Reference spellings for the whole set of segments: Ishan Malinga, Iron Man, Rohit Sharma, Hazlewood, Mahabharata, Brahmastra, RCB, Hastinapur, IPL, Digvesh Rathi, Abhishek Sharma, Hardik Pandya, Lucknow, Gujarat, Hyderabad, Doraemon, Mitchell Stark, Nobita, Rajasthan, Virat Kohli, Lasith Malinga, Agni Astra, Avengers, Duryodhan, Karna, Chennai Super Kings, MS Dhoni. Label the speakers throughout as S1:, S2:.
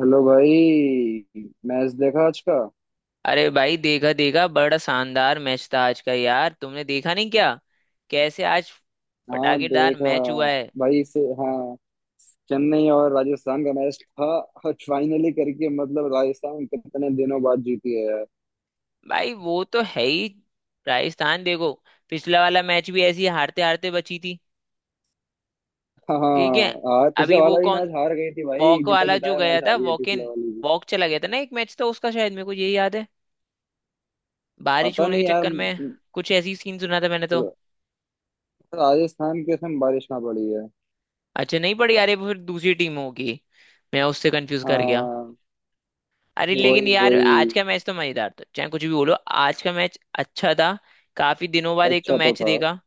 S1: Hello भाई। Match देखा आज का।
S2: अरे भाई देखा देखा, बड़ा शानदार मैच था आज का यार। तुमने देखा नहीं क्या? कैसे आज
S1: हाँ
S2: पटाखेदार
S1: देखा।
S2: मैच हुआ है।
S1: भाई से हाँ। चेन्नई और राजस्थान का मैच था। और फाइनली करके मतलब राजस्थान कितने दिनों बाद जीती है यार।
S2: भाई वो तो है ही। राजस्थान देखो, पिछला वाला मैच भी ऐसी हारते हारते बची थी।
S1: हाँ।
S2: ठीक है।
S1: हार पिछले
S2: अभी वो
S1: वाला भी
S2: कौन
S1: मैच हार गई थी भाई,
S2: वॉक
S1: जीता
S2: वाला जो
S1: जिताया
S2: गया
S1: मैच
S2: था
S1: हारी है
S2: वॉक
S1: पिछले
S2: इन
S1: वाली भी।
S2: वॉक चला गया था ना, एक मैच था उसका, शायद मेरे को यही याद है बारिश
S1: पता
S2: होने
S1: नहीं
S2: के
S1: यार।
S2: चक्कर में। कुछ ऐसी सीन सुना था मैंने तो।
S1: र- राजस्थान के उसमें बारिश ना पड़ी है।
S2: अच्छा नहीं पड़ी यार, ये फिर दूसरी टीम होगी, मैं उससे कंफ्यूज कर गया।
S1: हाँ।
S2: अरे लेकिन
S1: वही
S2: यार आज
S1: वही।
S2: का मैच तो मजेदार था चाहे कुछ भी बोलो। आज का मैच अच्छा था, काफी दिनों बाद एक तो
S1: अच्छा तो
S2: मैच
S1: था।
S2: देखा।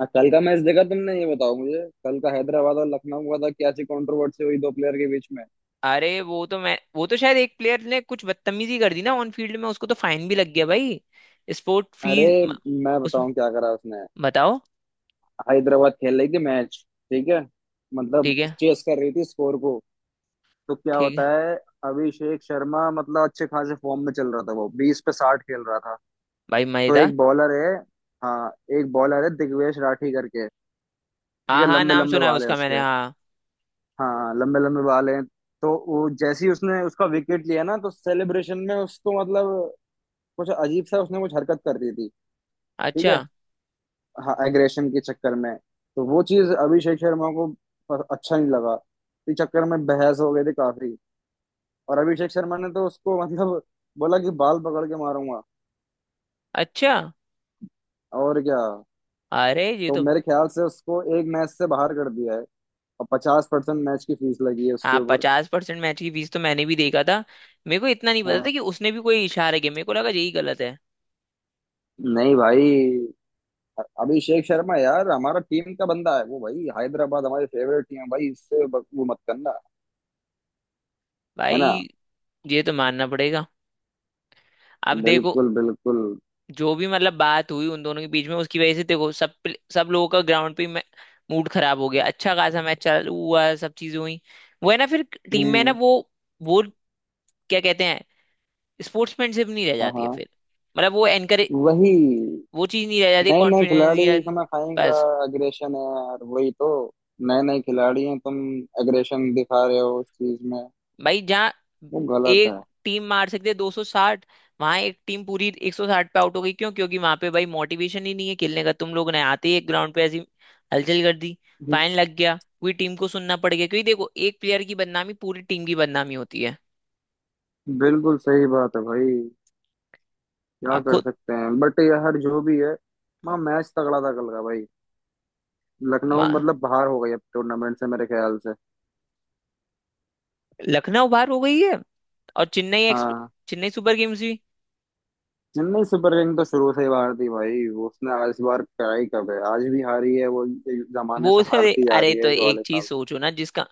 S1: हाँ, कल का मैच देखा तुमने, ये बताओ मुझे, कल का हैदराबाद और लखनऊ का था, क्या सी कंट्रोवर्सी हुई दो प्लेयर के बीच में।
S2: अरे वो तो शायद एक प्लेयर ने कुछ बदतमीजी कर दी ना ऑन फील्ड में, उसको तो फाइन भी लग गया भाई। स्पोर्ट फी।
S1: अरे मैं
S2: उस
S1: बताऊं क्या करा उसने।
S2: बताओ।
S1: हैदराबाद खेल रही थी मैच। ठीक है। मतलब
S2: ठीक है
S1: चेस कर रही थी स्कोर को। तो क्या
S2: ठीक है
S1: होता है, अभिषेक शर्मा मतलब अच्छे खासे फॉर्म में चल रहा था, वो 20 पे 60 खेल रहा था।
S2: भाई।
S1: तो
S2: मजेदार।
S1: एक बॉलर है। हाँ, एक बॉलर है दिग्वेश राठी करके। ठीक
S2: हाँ
S1: है,
S2: हाँ
S1: लंबे
S2: नाम
S1: लंबे
S2: सुना है
S1: बाल है
S2: उसका मैंने,
S1: उसके।
S2: हाँ।
S1: हाँ, लंबे लंबे बाल हैं। तो वो जैसे ही उसने उसका विकेट लिया ना, तो सेलिब्रेशन में उसको मतलब कुछ अजीब सा उसने कुछ हरकत कर दी थी। ठीक
S2: अच्छा।
S1: है। हाँ, एग्रेशन के चक्कर में। तो वो चीज अभिषेक शर्मा को अच्छा नहीं लगा। इस चक्कर में बहस हो गई थी काफी। और अभिषेक शर्मा ने तो उसको मतलब बोला कि बाल पकड़ के मारूंगा
S2: अच्छा।
S1: और क्या।
S2: अरे ये
S1: तो
S2: तो।
S1: मेरे ख्याल से उसको एक मैच से बाहर कर दिया है और 50% मैच की फीस लगी है
S2: हाँ
S1: उसके ऊपर।
S2: पचास परसेंट मैच की फीस तो मैंने भी देखा था। मेरे को इतना नहीं पता
S1: हाँ।
S2: था कि उसने भी कोई इशारा किया, मेरे को लगा यही गलत है।
S1: नहीं भाई। अभिषेक शर्मा यार हमारा टीम का बंदा है वो भाई, हैदराबाद हमारी फेवरेट टीम है भाई, इससे वो मत करना। है ना।
S2: भाई ये तो मानना पड़ेगा। अब देखो,
S1: बिल्कुल बिल्कुल।
S2: जो भी मतलब बात हुई उन दोनों के बीच में, उसकी वजह से देखो सब लोगों का ग्राउंड पे मूड खराब हो गया। अच्छा खासा मैच चालू हुआ, सब चीजें हुई। वो है ना, फिर टीम में ना,
S1: हम्म।
S2: वो क्या कहते हैं, स्पोर्ट्समैनशिप नहीं रह
S1: हाँ
S2: जाती है
S1: हाँ।
S2: फिर। मतलब वो एनकरेज,
S1: वही।
S2: वो चीज नहीं रह जाती,
S1: नए नए
S2: कॉन्फिडेंस
S1: खिलाड़ी
S2: या।
S1: इसमें खाई का।
S2: बस।
S1: अग्रेशन है यार वही तो। नए नए खिलाड़ी हैं तुम। अग्रेशन दिखा रहे हो उस चीज में।
S2: भाई जहाँ
S1: वो गलत
S2: एक
S1: है।
S2: टीम मार सकती है 260, वहां एक टीम पूरी 160 पे आउट हो गई। क्यों? क्योंकि वहां पे भाई मोटिवेशन ही नहीं है खेलने का। तुम लोग ने आते ही एक ग्राउंड पे ऐसी हलचल कर दी,
S1: हम्म,
S2: फाइन लग गया, पूरी टीम को सुनना पड़ गया। क्योंकि देखो, एक प्लेयर की बदनामी पूरी टीम की बदनामी होती है।
S1: बिल्कुल सही बात है भाई। क्या
S2: अब
S1: कर
S2: खुद।
S1: सकते हैं बट यार जो भी है। वहाँ मैच तगड़ा था कल का भाई। लखनऊ
S2: मा-
S1: मतलब बाहर हो गई अब टूर्नामेंट से मेरे ख्याल से।
S2: लखनऊ बाहर हो गई है, और चेन्नई एक्स,
S1: हाँ।
S2: चेन्नई सुपर किंग्स भी।
S1: चेन्नई सुपर किंग तो शुरू से ही बाहर थी भाई, उसने इस बार क्या ही, कब है, आज भी हारी है वो। जमाने
S2: वो
S1: से
S2: तो,
S1: हारती जा
S2: अरे
S1: रही
S2: तो
S1: है इस
S2: एक
S1: वाले
S2: चीज
S1: साल।
S2: सोचो ना, जिसका,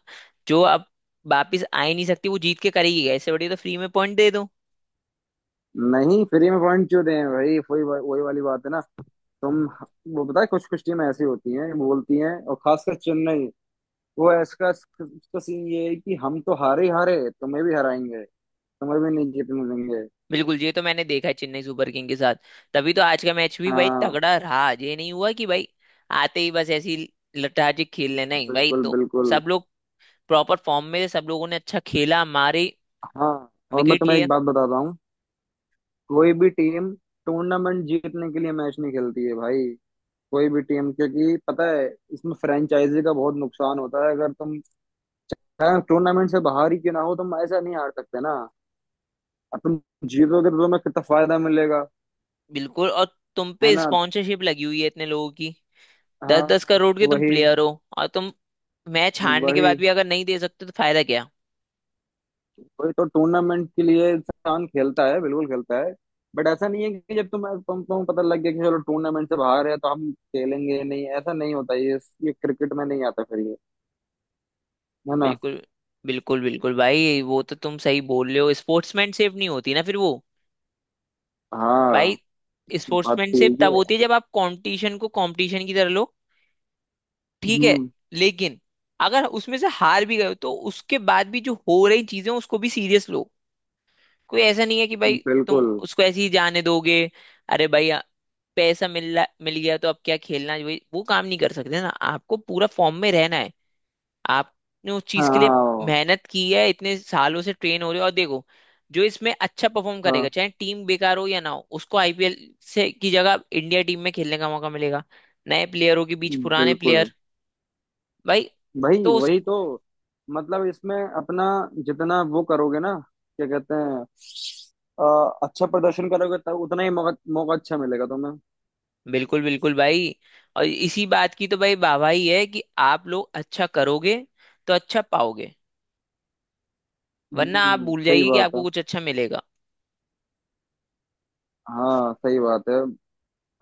S2: जो अब वापिस आ ही नहीं सकती वो जीत के करेगी ऐसे? बढ़िया, तो फ्री में पॉइंट दे दो।
S1: नहीं फ्री में पॉइंट क्यों दें भाई, वही वही वाली बात है ना। तुम। वो पता है कुछ कुछ टीम ऐसी होती हैं बोलती हैं और खासकर चेन्नई। वो इसका इसका सीन ये है कि हम तो हारे ही हारे तुम्हें भी हराएंगे। तुम्हें भी नहीं जीतने देंगे।
S2: बिल्कुल, ये तो मैंने देखा है चेन्नई सुपर किंग के साथ। तभी तो आज का मैच भी भाई
S1: हाँ।
S2: तगड़ा रहा, ये नहीं हुआ कि भाई आते ही बस ऐसी लठाजी खेल लेना ही भाई
S1: बिल्कुल
S2: दो।
S1: बिल्कुल।
S2: सब लोग प्रॉपर फॉर्म में थे, सब लोगों ने अच्छा खेला, मारे,
S1: हाँ और मैं
S2: विकेट
S1: तुम्हें एक
S2: लिए।
S1: बात बताता हूँ। कोई भी टीम टूर्नामेंट जीतने के लिए मैच नहीं खेलती है भाई। कोई भी टीम, क्योंकि पता है इसमें फ्रेंचाइजी का बहुत नुकसान होता है, अगर तुम टूर्नामेंट से बाहर ही क्यों ना हो, तुम ऐसा नहीं हार सकते ना। अब तुम जीतोगे तो तुम्हें कितना फायदा मिलेगा।
S2: बिल्कुल। और तुम
S1: है
S2: पे
S1: ना।
S2: स्पॉन्सरशिप लगी हुई है इतने लोगों की। दस दस
S1: हाँ
S2: करोड़ के तुम
S1: वही।
S2: प्लेयर हो, और तुम मैच हारने के बाद
S1: वही
S2: भी अगर नहीं दे सकते तो फायदा क्या?
S1: वही तो टूर्नामेंट के लिए इंसान खेलता है, बिल्कुल खेलता है। बट ऐसा नहीं है कि जब तुम्हें तुम पता लग गया कि चलो टूर्नामेंट से बाहर है तो हम खेलेंगे नहीं, ऐसा नहीं होता ये। ये क्रिकेट में नहीं आता फिर ये। है ना।
S2: बिल्कुल बिल्कुल बिल्कुल भाई, वो तो तुम सही बोल रहे हो। स्पोर्ट्समैन सेफ नहीं होती ना फिर वो। भाई
S1: हाँ बात तो
S2: स्पोर्ट्समैनशिप
S1: यही
S2: तब
S1: है।
S2: होती है जब आप कंपटीशन को कंपटीशन की तरह लो। ठीक है,
S1: हम्म।
S2: लेकिन अगर उसमें से हार भी गए हो तो उसके बाद भी जो हो रही चीजें हैं, उसको भी सीरियस लो। कोई ऐसा नहीं है कि भाई तुम
S1: बिल्कुल।
S2: उसको ऐसे ही जाने दोगे। अरे भाई आ- पैसा मिल मिल गया तो अब क्या खेलना है? भाई वो काम नहीं कर सकते ना, आपको पूरा फॉर्म में रहना है। आपने उस
S1: हाँ
S2: चीज के लिए
S1: हाँ।
S2: मेहनत की है, इतने सालों से ट्रेन हो रहे हो। और देखो, जो इसमें अच्छा परफॉर्म करेगा
S1: हाँ
S2: चाहे टीम बेकार हो या ना हो, उसको आईपीएल से की जगह इंडिया टीम में खेलने का मौका मिलेगा। नए प्लेयरों के बीच पुराने
S1: बिल्कुल
S2: प्लेयर, भाई।
S1: भाई
S2: तो उस
S1: वही तो। मतलब इसमें अपना जितना वो करोगे ना, क्या कहते हैं, अच्छा प्रदर्शन करोगे तब उतना ही मौका मौका अच्छा मिलेगा तुम्हें।
S2: बिल्कुल बिल्कुल भाई, और इसी बात की तो भाई वाहवाही है कि आप लोग अच्छा करोगे तो अच्छा पाओगे। वरना आप भूल
S1: सही
S2: जाइए कि
S1: बात
S2: आपको
S1: है।
S2: कुछ अच्छा मिलेगा।
S1: हाँ सही बात है।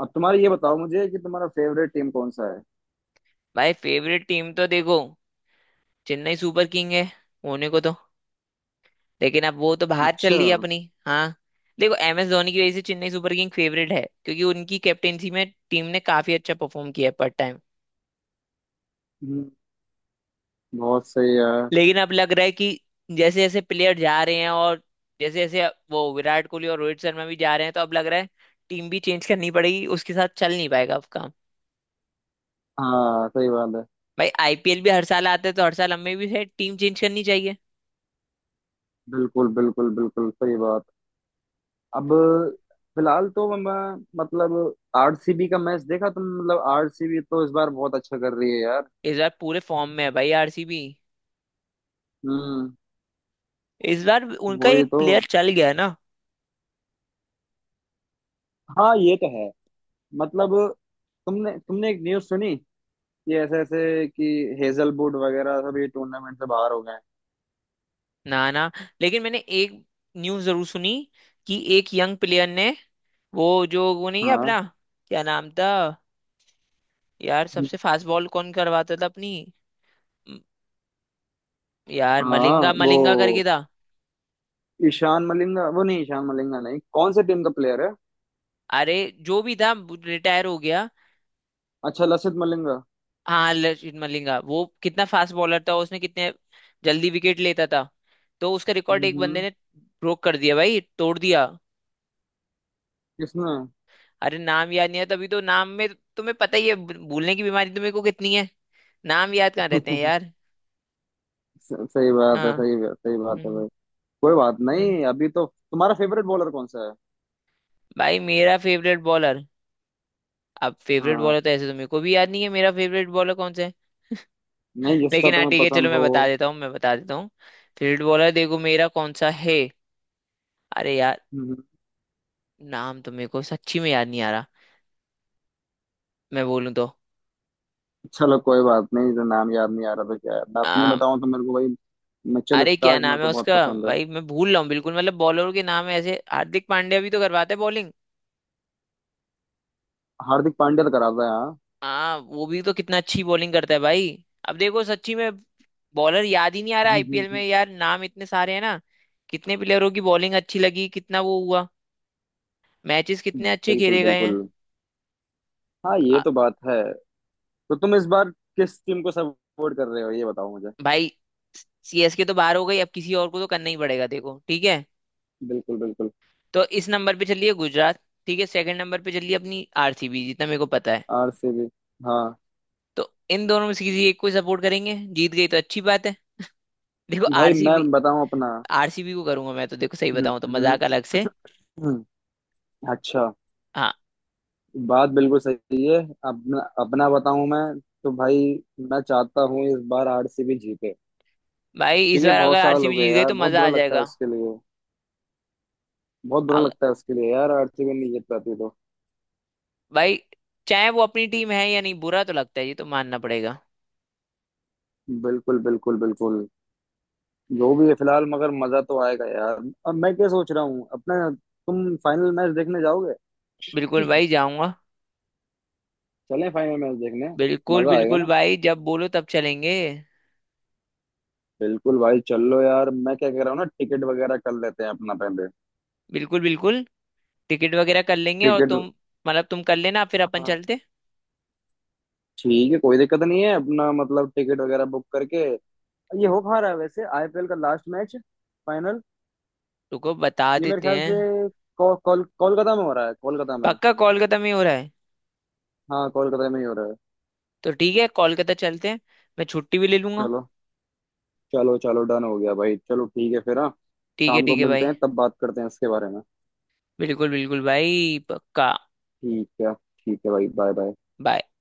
S1: अब तुम्हारा ये बताओ मुझे कि तुम्हारा फेवरेट टीम कौन सा है।
S2: भाई फेवरेट टीम तो देखो, चेन्नई सुपर किंग है होने को तो, लेकिन अब वो तो बाहर चल
S1: अच्छा।
S2: रही है अपनी। हाँ। देखो एम एस धोनी की वजह से चेन्नई सुपर किंग फेवरेट है, क्योंकि उनकी कैप्टेंसी में टीम ने काफी अच्छा परफॉर्म किया है पर टाइम।
S1: हम्म, बहुत सही है।
S2: लेकिन अब लग रहा है कि जैसे जैसे प्लेयर जा रहे हैं, और जैसे जैसे वो विराट कोहली और रोहित शर्मा भी जा रहे हैं, तो अब लग रहा है टीम भी चेंज करनी पड़ेगी, उसके साथ चल नहीं पाएगा अब काम।
S1: हाँ सही बात है।
S2: भाई आईपीएल भी हर साल आता है, तो हर साल हमें भी है टीम चेंज करनी चाहिए।
S1: बिल्कुल बिल्कुल बिल्कुल सही बात। अब फिलहाल तो मैं मतलब आरसीबी का मैच देखा तुम, मतलब आरसीबी तो इस बार बहुत अच्छा कर रही है यार।
S2: इस बार पूरे फॉर्म में है भाई आरसीबी।
S1: हम्म
S2: इस बार उनका
S1: वही
S2: एक
S1: तो।
S2: प्लेयर चल गया ना।
S1: हाँ ये तो है। मतलब तुमने तुमने एक न्यूज़ सुनी कि ऐसे ऐसे कि हेजलवुड वगैरह सभी टूर्नामेंट से बाहर हो गए हैं।
S2: ना ना, लेकिन मैंने एक न्यूज़ जरूर सुनी कि एक यंग प्लेयर ने, वो जो वो नहीं है
S1: हाँ।
S2: अपना, क्या नाम था यार, सबसे फास्ट बॉल कौन करवाता था अपनी, म- यार
S1: हाँ
S2: मलिंगा
S1: वो
S2: मलिंगा करके था।
S1: ईशान मलिंगा, वो नहीं, ईशान मलिंगा नहीं, कौन से टीम का प्लेयर है।
S2: अरे जो भी था, रिटायर हो गया।
S1: अच्छा लसित मलिंगा।
S2: हाँ लचित मलिंगा। वो कितना फास्ट बॉलर था, उसने कितने जल्दी विकेट लेता था। तो उसका रिकॉर्ड एक बंदे
S1: हम्म।
S2: ने ब्रोक कर दिया भाई, तोड़ दिया।
S1: किसने।
S2: अरे नाम याद नहीं है, तभी तो नाम में, तुम्हें पता ही है भूलने की बीमारी तुम्हें को कितनी है। नाम याद कहाँ रहते हैं यार।
S1: सही बात है,
S2: हाँ।
S1: सही बात, सही बात है
S2: हम्म।
S1: भाई। कोई बात
S2: हम्म।
S1: नहीं अभी तो। तुम्हारा फेवरेट बॉलर कौन सा है।
S2: भाई मेरा फेवरेट बॉलर, अब फेवरेट
S1: हाँ
S2: बॉलर तो ऐसे तो मेरे को भी याद नहीं है, मेरा फेवरेट बॉलर कौन सा है।
S1: नहीं जिसका
S2: लेकिन हाँ
S1: तुम्हें
S2: ठीक है चलो,
S1: पसंद
S2: मैं
S1: हो।
S2: बता देता हूँ मैं बता देता हूँ। फेवरेट बॉलर देखो मेरा कौन सा है, अरे यार,
S1: हम्म।
S2: नाम तो मेरे को सच्ची में याद नहीं आ रहा, मैं बोलूँ तो।
S1: चलो कोई बात नहीं, तो नाम याद नहीं आ रहा था क्या है, मैं अपनी
S2: आ,
S1: बताऊं तो मेरे को भाई मिचेल
S2: अरे क्या
S1: स्टार्क मेरे
S2: नाम है
S1: को बहुत
S2: उसका।
S1: पसंद है।
S2: भाई मैं भूल रहा हूँ बिल्कुल, मतलब बॉलरों के नाम ऐसे। हार्दिक पांड्या भी तो करवाते हैं बॉलिंग।
S1: हार्दिक पांड्या तो कराता है हाँ।
S2: हाँ, वो भी तो कितना अच्छी बॉलिंग करता है भाई। अब देखो सच्ची में, बॉलर याद ही नहीं आ रहा,
S1: हम्म,
S2: आईपीएल में
S1: हम्म,
S2: यार नाम इतने सारे हैं ना। कितने प्लेयरों की बॉलिंग अच्छी लगी, कितना वो हुआ, मैचेस
S1: हम्म।
S2: कितने अच्छे
S1: बिल्कुल
S2: खेले गए हैं।
S1: बिल्कुल। हाँ
S2: आ,
S1: ये तो बात है। तो तुम इस बार किस टीम को सपोर्ट कर रहे हो ये बताओ मुझे।
S2: भाई सीएसके तो बाहर हो गई, अब किसी और को तो करना ही पड़ेगा देखो, ठीक है।
S1: बिल्कुल बिल्कुल।
S2: तो इस नंबर पे चलिए गुजरात, ठीक है। सेकंड नंबर पे चलिए अपनी आरसीबी, जितना मेरे को पता है।
S1: आरसीबी, हाँ।
S2: तो इन दोनों में से किसी एक को सपोर्ट करेंगे, जीत गई तो अच्छी बात है। देखो
S1: भाई मैं
S2: आरसीबी,
S1: बताऊं अपना।
S2: आरसीबी को करूंगा मैं तो, देखो सही
S1: हम्म,
S2: बताऊं तो,
S1: हम्म,
S2: मजाक अलग से।
S1: हम्म। अच्छा।
S2: हाँ।
S1: बात बिल्कुल सही। अपना अपना बताऊं मैं तो भाई, मैं चाहता हूँ इस बार आरसीबी जीते।
S2: भाई इस
S1: क्योंकि
S2: बार
S1: बहुत
S2: अगर
S1: साल हो
S2: आरसीबी
S1: गए
S2: जीत गई
S1: यार,
S2: तो
S1: बहुत
S2: मजा
S1: बुरा
S2: आ
S1: लगता है
S2: जाएगा।
S1: उसके लिए। बहुत बुरा
S2: अग-
S1: लगता है उसके लिए यार, आरसीबी नहीं जीत पाती तो।
S2: भाई चाहे वो अपनी टीम है या नहीं, बुरा तो लगता है ये तो मानना पड़ेगा।
S1: बिल्कुल बिल्कुल बिल्कुल। जो भी है फिलहाल, मगर मजा तो आएगा यार। अब मैं क्या सोच रहा हूँ अपना, तुम फाइनल मैच देखने जाओगे।
S2: बिल्कुल भाई जाऊंगा।
S1: चलें फाइनल मैच देखने।
S2: बिल्कुल
S1: मजा आएगा
S2: बिल्कुल
S1: ना।
S2: भाई, जब बोलो तब चलेंगे।
S1: बिल्कुल भाई चल लो यार, मैं क्या कह रहा हूँ ना, टिकट वगैरह कर लेते हैं अपना पहले।
S2: बिल्कुल बिल्कुल। टिकट वगैरह कर लेंगे, और
S1: टिकट।
S2: तुम, मतलब तुम कर लेना फिर अपन
S1: हाँ
S2: चलते।
S1: ठीक है कोई दिक्कत नहीं है अपना, मतलब टिकट वगैरह बुक करके। ये हो कहाँ रहा है वैसे, आईपीएल का लास्ट मैच, फाइनल।
S2: रुको बता
S1: ये मेरे
S2: देते
S1: ख्याल से
S2: हैं।
S1: को, कोल कोलकाता में हो रहा है, कोलकाता में।
S2: पक्का कोलकाता में ही हो रहा है।
S1: हाँ कोलकाता में ही हो रहा है।
S2: तो ठीक है, कोलकाता चलते हैं, मैं छुट्टी भी ले लूंगा।
S1: चलो चलो चलो, डन हो गया भाई, चलो ठीक है फिर हाँ। शाम को
S2: ठीक है
S1: मिलते
S2: भाई।
S1: हैं, तब बात करते हैं इसके बारे में।
S2: बिल्कुल बिल्कुल भाई पक्का।
S1: ठीक है भाई, बाय बाय।
S2: बाय।